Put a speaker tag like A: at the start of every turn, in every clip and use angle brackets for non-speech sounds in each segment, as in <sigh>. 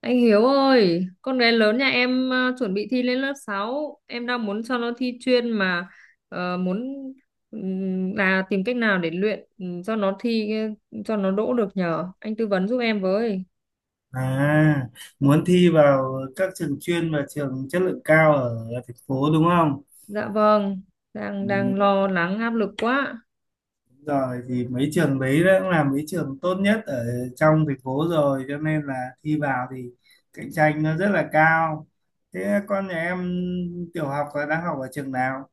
A: Anh Hiếu ơi, con gái lớn nhà em chuẩn bị thi lên lớp sáu. Em đang muốn cho nó thi chuyên mà muốn, là tìm cách nào để luyện, cho nó thi, cho nó đỗ được nhờ. Anh tư vấn giúp em với.
B: À, muốn thi vào các trường chuyên và trường chất lượng cao ở thành phố đúng không?
A: Dạ vâng, đang
B: Ừ,
A: đang
B: đúng
A: lo lắng áp lực quá.
B: rồi. Thì mấy trường đấy đã cũng là mấy trường tốt nhất ở trong thành phố rồi, cho nên là thi vào thì cạnh tranh nó rất là cao. Thế con nhà em tiểu học là đang học ở trường nào?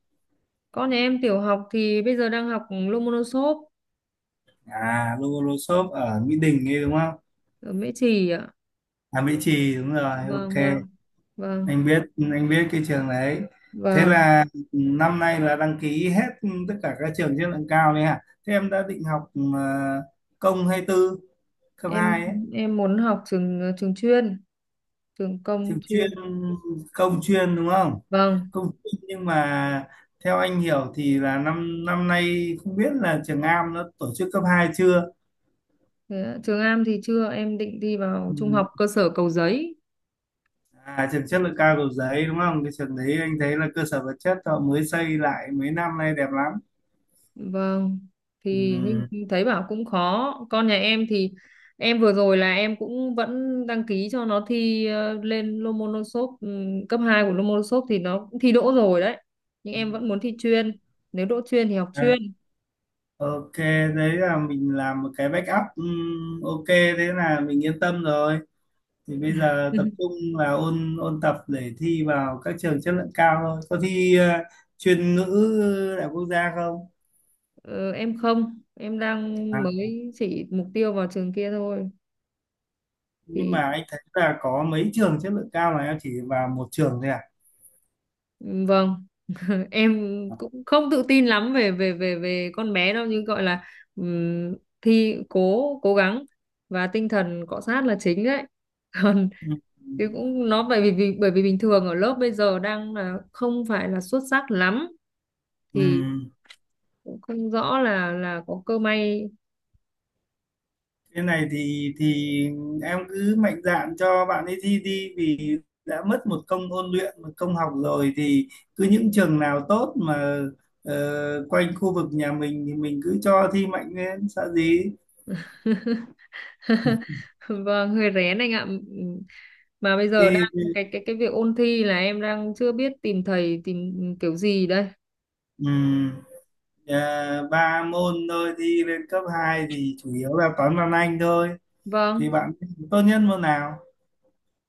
A: Con nhà em tiểu học thì bây giờ đang học Lomonosov
B: À, Lô Lô Xốp ở Mỹ Đình ấy đúng không?
A: ở Mễ Trì ạ.
B: À, Mỹ Trì đúng rồi, ok.
A: Vâng, vâng. Vâng,
B: anh biết anh biết cái trường đấy. Thế
A: vâng,
B: là năm nay là đăng ký hết tất cả các trường chất lượng cao đấy hả? Thế em đã định học ờ, công hay tư, cấp
A: em
B: 2 ấy?
A: em muốn học trường, trường chuyên, trường công
B: Trường chuyên,
A: chuyên.
B: công chuyên đúng không?
A: Vâng.
B: Công chuyên, nhưng mà theo anh hiểu thì là năm năm nay không biết là trường Am nó tổ chức cấp 2 chưa.
A: Thế ạ, trường Am thì chưa, em định đi vào
B: Ừ.
A: trung học cơ sở Cầu Giấy.
B: À, trường chất lượng cao Cầu Giấy đúng không, cái trường đấy anh thấy là cơ sở vật chất họ mới xây lại mấy năm nay đẹp lắm.
A: Vâng,
B: Ừ.
A: thì nhưng thấy bảo cũng khó. Con nhà em thì em vừa rồi là em cũng vẫn đăng ký cho nó thi, lên Lomonosov, cấp 2 của Lomonosov thì nó cũng thi đỗ rồi đấy, nhưng
B: Ừ.
A: em vẫn muốn thi chuyên. Nếu đỗ chuyên thì học chuyên.
B: À, ok, đấy là mình làm một cái backup. Ok, thế là mình yên tâm rồi. Thì bây giờ tập
A: <laughs>
B: trung là ôn ôn tập để thi vào các trường chất lượng cao thôi. Có thi chuyên ngữ đại học quốc gia không?
A: Ờ, em không, em đang
B: À,
A: mới chỉ mục tiêu vào trường kia thôi.
B: nhưng mà
A: Thì
B: anh thấy là có mấy trường chất lượng cao mà em chỉ vào một trường thôi à?
A: ừ, vâng. <laughs> Em cũng không tự tin lắm về về về về con bé đâu, nhưng gọi là, ừm, thi cố cố gắng và tinh thần cọ sát là chính đấy. <laughs> Còn
B: Ừ.
A: chứ cũng nó, bởi vì bình thường ở lớp bây giờ đang là không phải là xuất sắc lắm,
B: Ừ.
A: thì cũng không rõ là có cơ may.
B: Cái này thì em cứ mạnh dạn cho bạn ấy thi đi, vì đã mất một công ôn luyện, một công học rồi thì cứ những trường nào tốt mà quanh khu vực nhà mình thì mình cứ cho thi mạnh lên, sợ gì.
A: <laughs> Vâng, hơi rén anh ạ. Mà bây giờ
B: Thì
A: đang cái việc ôn thi là em đang chưa biết tìm thầy, tìm kiểu gì đây.
B: ừm, ba môn thôi, thi lên cấp 2 thì chủ yếu là toán, văn, anh thôi. Thì
A: Vâng,
B: bạn tốt nhất môn nào?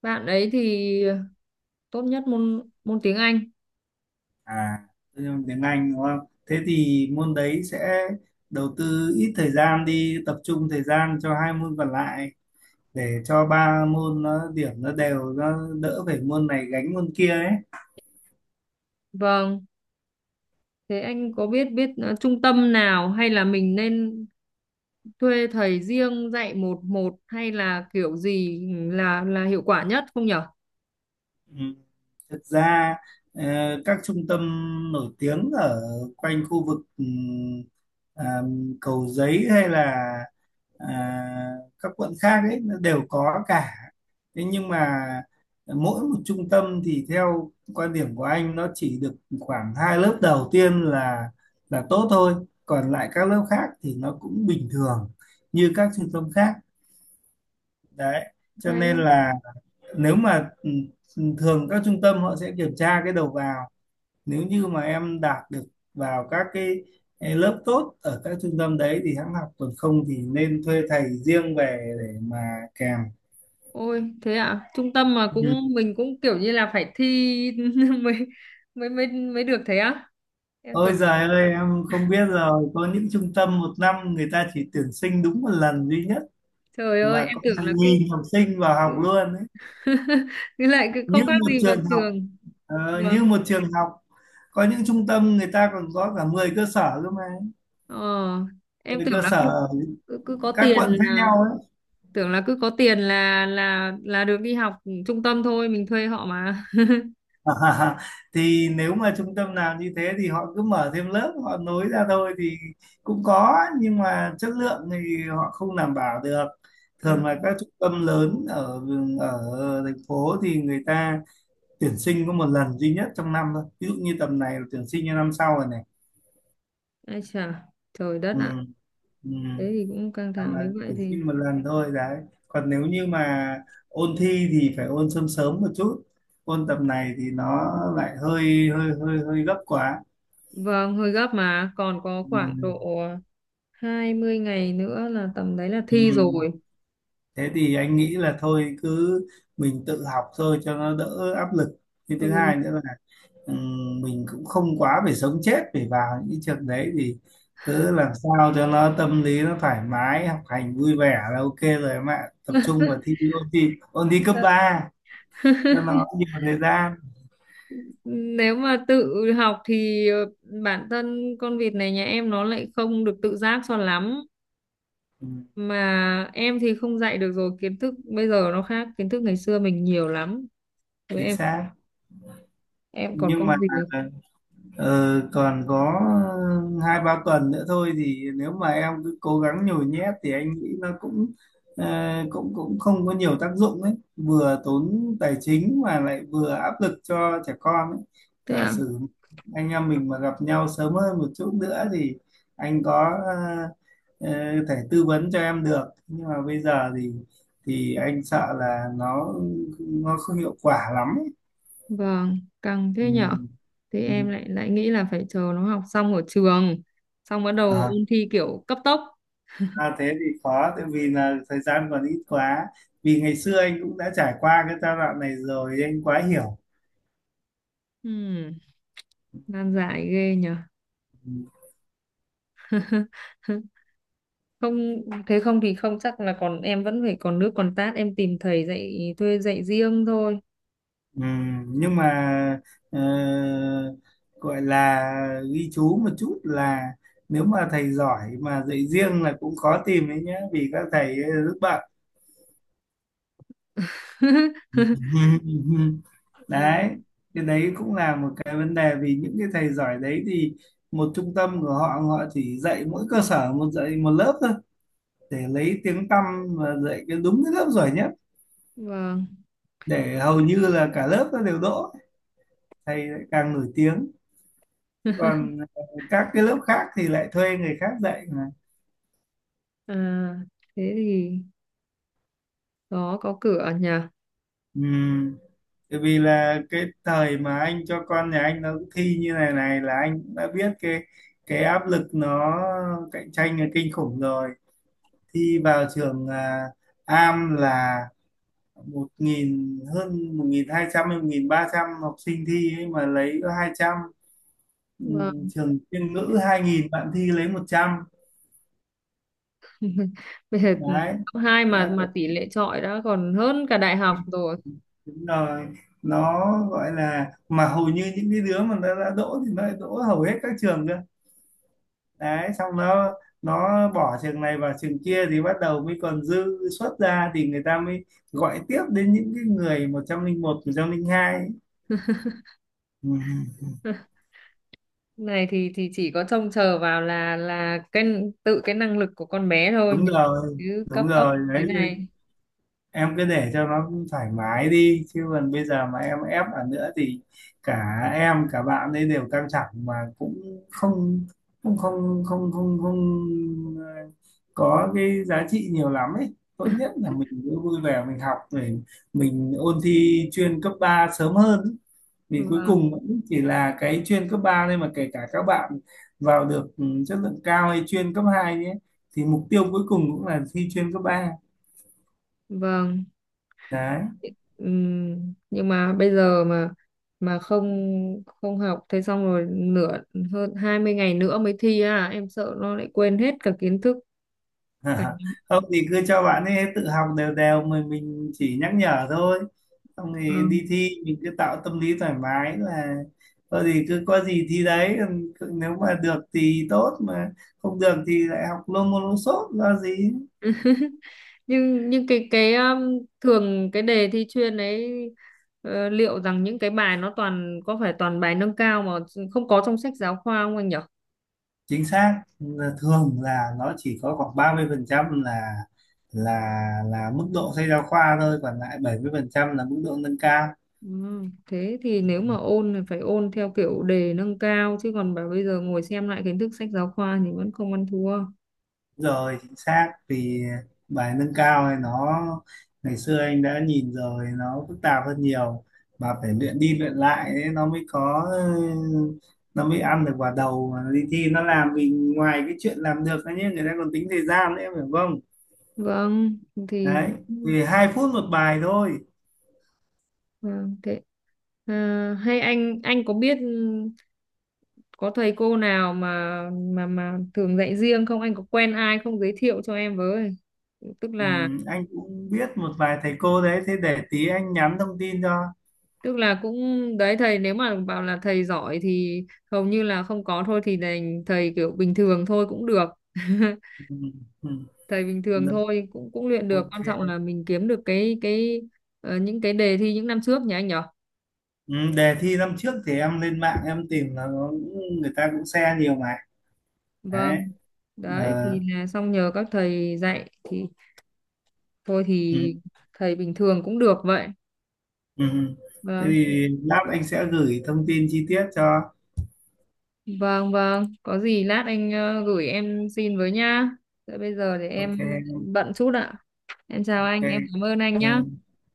A: bạn ấy thì tốt nhất môn môn tiếng Anh.
B: À, tự nhiên tiếng Anh đúng không? Thế thì môn đấy sẽ đầu tư ít thời gian đi, tập trung thời gian cho hai môn còn lại, để cho ba môn nó điểm nó đều, nó đỡ phải môn này gánh môn kia ấy.
A: Vâng, thế anh có biết biết trung tâm nào, hay là mình nên thuê thầy riêng dạy một một, hay là kiểu gì là hiệu quả nhất không nhở?
B: Ừ. Thực ra ờ, các trung tâm nổi tiếng ở quanh khu vực à, Cầu Giấy hay là à, các quận khác ấy nó đều có cả. Thế nhưng mà mỗi một trung tâm thì theo quan điểm của anh nó chỉ được khoảng hai lớp đầu tiên là tốt thôi, còn lại các lớp khác thì nó cũng bình thường như các trung tâm khác. Đấy cho
A: Hay
B: nên
A: lắm.
B: là nếu mà thường các trung tâm họ sẽ kiểm tra cái đầu vào, nếu như mà em đạt được vào các cái lớp tốt ở các trung tâm đấy thì hãng học, còn không thì nên thuê thầy riêng về để mà kèm.
A: Ôi, thế ạ, trung tâm mà
B: Ừ.
A: cũng mình cũng kiểu như là phải thi <laughs> mới mới mới mới được thế á? Em
B: Ôi
A: tưởng,
B: giời ơi, em không biết rồi, có những trung tâm một năm người ta chỉ tuyển sinh đúng một lần duy nhất
A: trời ơi,
B: mà
A: em
B: có
A: tưởng là
B: hàng
A: cứ
B: nghìn học sinh vào
A: cứ
B: học luôn ấy.
A: <laughs> cứ lại cứ
B: như
A: không khác
B: một
A: gì vào
B: trường học
A: trường.
B: ờ,
A: Vâng.
B: như một trường học. Có những trung tâm người ta còn có cả 10 cơ sở cơ mà,
A: Ờ, em
B: 10
A: tưởng
B: cơ
A: là
B: sở
A: cứ
B: ở
A: cứ, cứ có
B: các
A: tiền
B: quận khác
A: là,
B: nhau ấy.
A: tưởng là cứ có tiền là được đi học trung tâm, thôi mình thuê họ mà. <laughs>
B: <laughs> À, thì nếu mà trung tâm nào như thế thì họ cứ mở thêm lớp, họ nối ra thôi thì cũng có, nhưng mà chất lượng thì họ không đảm bảo được.
A: à,
B: Thường là các trung tâm lớn ở ở thành phố thì người ta tuyển sinh có một lần duy nhất trong năm thôi, ví dụ như tầm này là tuyển sinh cho năm sau rồi này.
A: ai chà, trời đất
B: Ừ,
A: ạ,
B: ừ.
A: thế thì cũng căng thẳng.
B: Làm là
A: Nếu vậy
B: tuyển
A: thì,
B: sinh một lần thôi đấy, còn nếu như mà ôn thi thì phải ôn sớm sớm một chút, ôn tầm này thì nó lại hơi hơi hơi hơi gấp quá.
A: vâng, hơi gấp mà còn có khoảng
B: Ừ,
A: độ 20 ngày nữa là tầm đấy là
B: ừ.
A: thi rồi.
B: Thế thì anh nghĩ là thôi cứ mình tự học thôi cho nó đỡ áp lực. Cái thứ hai
A: Ừ.
B: nữa là ừ, mình cũng không quá phải sống chết phải vào những cái trường đấy, thì cứ làm sao cho nó tâm lý nó thoải mái, học hành vui vẻ là ok rồi em ạ. Tập trung vào thi, ôn thi, ôn thi cấp 3 cho nó
A: <laughs>
B: nhiều thời gian.
A: Nếu mà tự học thì, bản thân con vịt này nhà em nó lại không được tự giác cho lắm,
B: Ừ,
A: mà em thì không dạy được rồi, kiến thức bây giờ nó khác kiến thức ngày xưa mình nhiều lắm,
B: chính
A: với
B: xác.
A: em còn
B: Nhưng
A: công
B: mà
A: việc.
B: Ờ, còn có hai ba tuần nữa thôi, thì nếu mà em cứ cố gắng nhồi nhét thì anh nghĩ nó cũng ờ, cũng cũng không có nhiều tác dụng ấy, vừa tốn tài chính mà lại vừa áp lực cho trẻ con ấy.
A: Thế
B: Giả
A: ạ.
B: sử anh em mình mà gặp nhau sớm hơn một chút nữa thì anh có ờ, thể tư vấn cho em được, nhưng mà bây giờ thì anh sợ là nó không hiệu quả lắm ấy.
A: Vâng, căng
B: Ừ.
A: thế nhở, thì em lại lại nghĩ là phải chờ nó học xong ở trường, xong bắt
B: Ừ.
A: đầu ôn thi kiểu cấp tốc.
B: À, thế thì khó, tại vì là thời gian còn ít quá, vì ngày xưa anh cũng đã trải qua cái giai đoạn này rồi, anh quá hiểu.
A: Ừm, nan giải ghê nhở. <laughs> Không, thế không thì không chắc là còn, em vẫn phải còn nước còn tát, em tìm thầy dạy, thuê dạy riêng thôi.
B: Nhưng mà ờ, gọi là ghi chú một chút là nếu mà thầy giỏi mà dạy riêng là cũng khó tìm đấy nhá, vì các thầy ấy rất bận.
A: <laughs>
B: <laughs>
A: Vậy,
B: đấy, cái đấy cũng là một cái vấn đề, vì những cái thầy giỏi đấy thì một trung tâm của họ họ chỉ dạy mỗi cơ sở một, dạy một lớp thôi để lấy tiếng tăm và dạy cái, đúng cái lớp giỏi nhất,
A: vâng,
B: để hầu như là cả lớp nó đều đỗ, thầy lại càng nổi tiếng, còn các cái lớp khác thì lại thuê người khác dạy mà.
A: à, thế thì đó có cửa nhỉ.
B: Ừm, Tại vì là cái thời mà anh cho con nhà anh nó thi như này này là anh cũng đã biết cái áp lực nó cạnh tranh là kinh khủng rồi. Thi vào trường Am là 1.000, hơn 1.200 hay 1.300 học sinh thi ấy mà lấy có 200. ừ,
A: Vâng.
B: Trường chuyên ngữ 2.000 bạn thi lấy 100.
A: <laughs> Bây giờ
B: Đấy.
A: cấp hai mà
B: Đấy,
A: mà tỷ lệ chọi đã còn hơn cả đại học rồi.
B: đúng rồi. Nó gọi là, mà hầu như những cái đứa mà nó đã đỗ thì nó lại đỗ hầu hết các trường cơ, đấy xong nó bỏ trường này vào trường kia thì bắt đầu mới còn dư suất ra, thì người ta mới gọi tiếp đến những cái người 101, 102. Ừ,
A: <laughs> Này thì chỉ có trông chờ vào là cái tự cái năng lực của con bé thôi
B: đúng
A: nhỉ,
B: rồi.
A: chứ cấp
B: Đúng
A: tốc
B: rồi
A: thế
B: đấy,
A: này.
B: em cứ để cho nó thoải mái đi, chứ còn bây giờ mà em ép ở nữa thì cả em cả bạn ấy đều căng thẳng mà cũng không, cũng không không không không ờ, có cái giá trị nhiều lắm ấy. Tốt nhất là mình cứ vui vẻ, mình học để mình ôn thi chuyên cấp 3 sớm hơn ấy. Vì cuối
A: Vâng,
B: cùng cũng chỉ là cái chuyên cấp 3 thôi mà, kể cả các bạn vào được chất lượng cao hay chuyên cấp 2 nhé, thì mục tiêu cuối cùng cũng là thi chuyên cấp ba.
A: vâng.
B: Đấy.
A: Nhưng mà bây giờ mà không không học, thế xong rồi nửa, hơn 20 ngày nữa mới thi, à em sợ nó lại quên hết cả kiến thức cả.
B: <laughs> không thì cứ cho bạn ấy tự học đều đều, mình chỉ nhắc nhở thôi, xong thì
A: Vâng.
B: đi thi mình cứ tạo tâm lý thoải mái là thôi thì cứ có gì thi đấy, còn nếu mà được thì tốt, mà không được thì lại học Lô Môn Lô Sốt, lo gì.
A: <laughs> Nhưng cái thường cái đề thi chuyên ấy, liệu rằng những cái bài nó toàn, có phải toàn bài nâng cao mà không có trong sách giáo khoa không anh nhỉ?
B: Chính xác là thường là nó chỉ có khoảng 30% là là mức độ sách giáo khoa thôi, còn lại 70% là mức độ nâng cao.
A: Ừ, thế thì nếu mà ôn thì phải ôn theo kiểu đề nâng cao, chứ còn bảo bây giờ ngồi xem lại kiến thức sách giáo khoa thì vẫn không ăn thua.
B: Rồi, chính xác, vì bài nâng cao này nó ngày xưa anh đã nhìn rồi, nó phức tạp hơn nhiều, mà phải luyện đi luyện lại ấy, nó mới có, nó mới ăn được vào đầu mà đi thi nó làm. Vì ngoài cái chuyện làm được ấy nhé, người ta còn tính thời gian nữa phải không?
A: Vâng, thì
B: Đấy, vì 2 phút một bài thôi.
A: vâng thế. À, hay anh có biết có thầy cô nào mà mà thường dạy riêng không? Anh có quen ai không, giới thiệu cho em với? Tức
B: Ừ,
A: là
B: anh cũng biết một vài thầy cô đấy, thế để tí anh nhắn thông tin cho.
A: tức là cũng đấy, thầy nếu mà bảo là thầy giỏi thì hầu như là không có, thôi thì đành thầy kiểu bình thường thôi cũng được. <laughs>
B: Ừ, ừ,
A: Thầy bình thường
B: được,
A: thôi cũng cũng luyện được,
B: ok.
A: quan trọng là mình kiếm được cái những cái đề thi những năm trước nhỉ anh nhỉ.
B: Ừ, đề thi năm trước thì em lên mạng em tìm là nó, người ta cũng share nhiều mà.
A: Vâng,
B: Đấy.
A: đấy thì
B: ờ,
A: là xong nhờ các thầy dạy thì thôi
B: ừ,
A: thì thầy bình thường cũng được vậy.
B: ừ. Ừ. Thế
A: Vâng,
B: thì lát anh sẽ gửi thông tin chi tiết cho.
A: vâng, vâng, có gì lát anh gửi em xin với nhá. Thế bây giờ để
B: Ok.
A: em bận chút ạ. Em chào
B: Ok.
A: anh, em cảm ơn anh
B: Ờ,
A: nhá.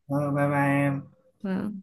B: bye bye em.
A: Vâng.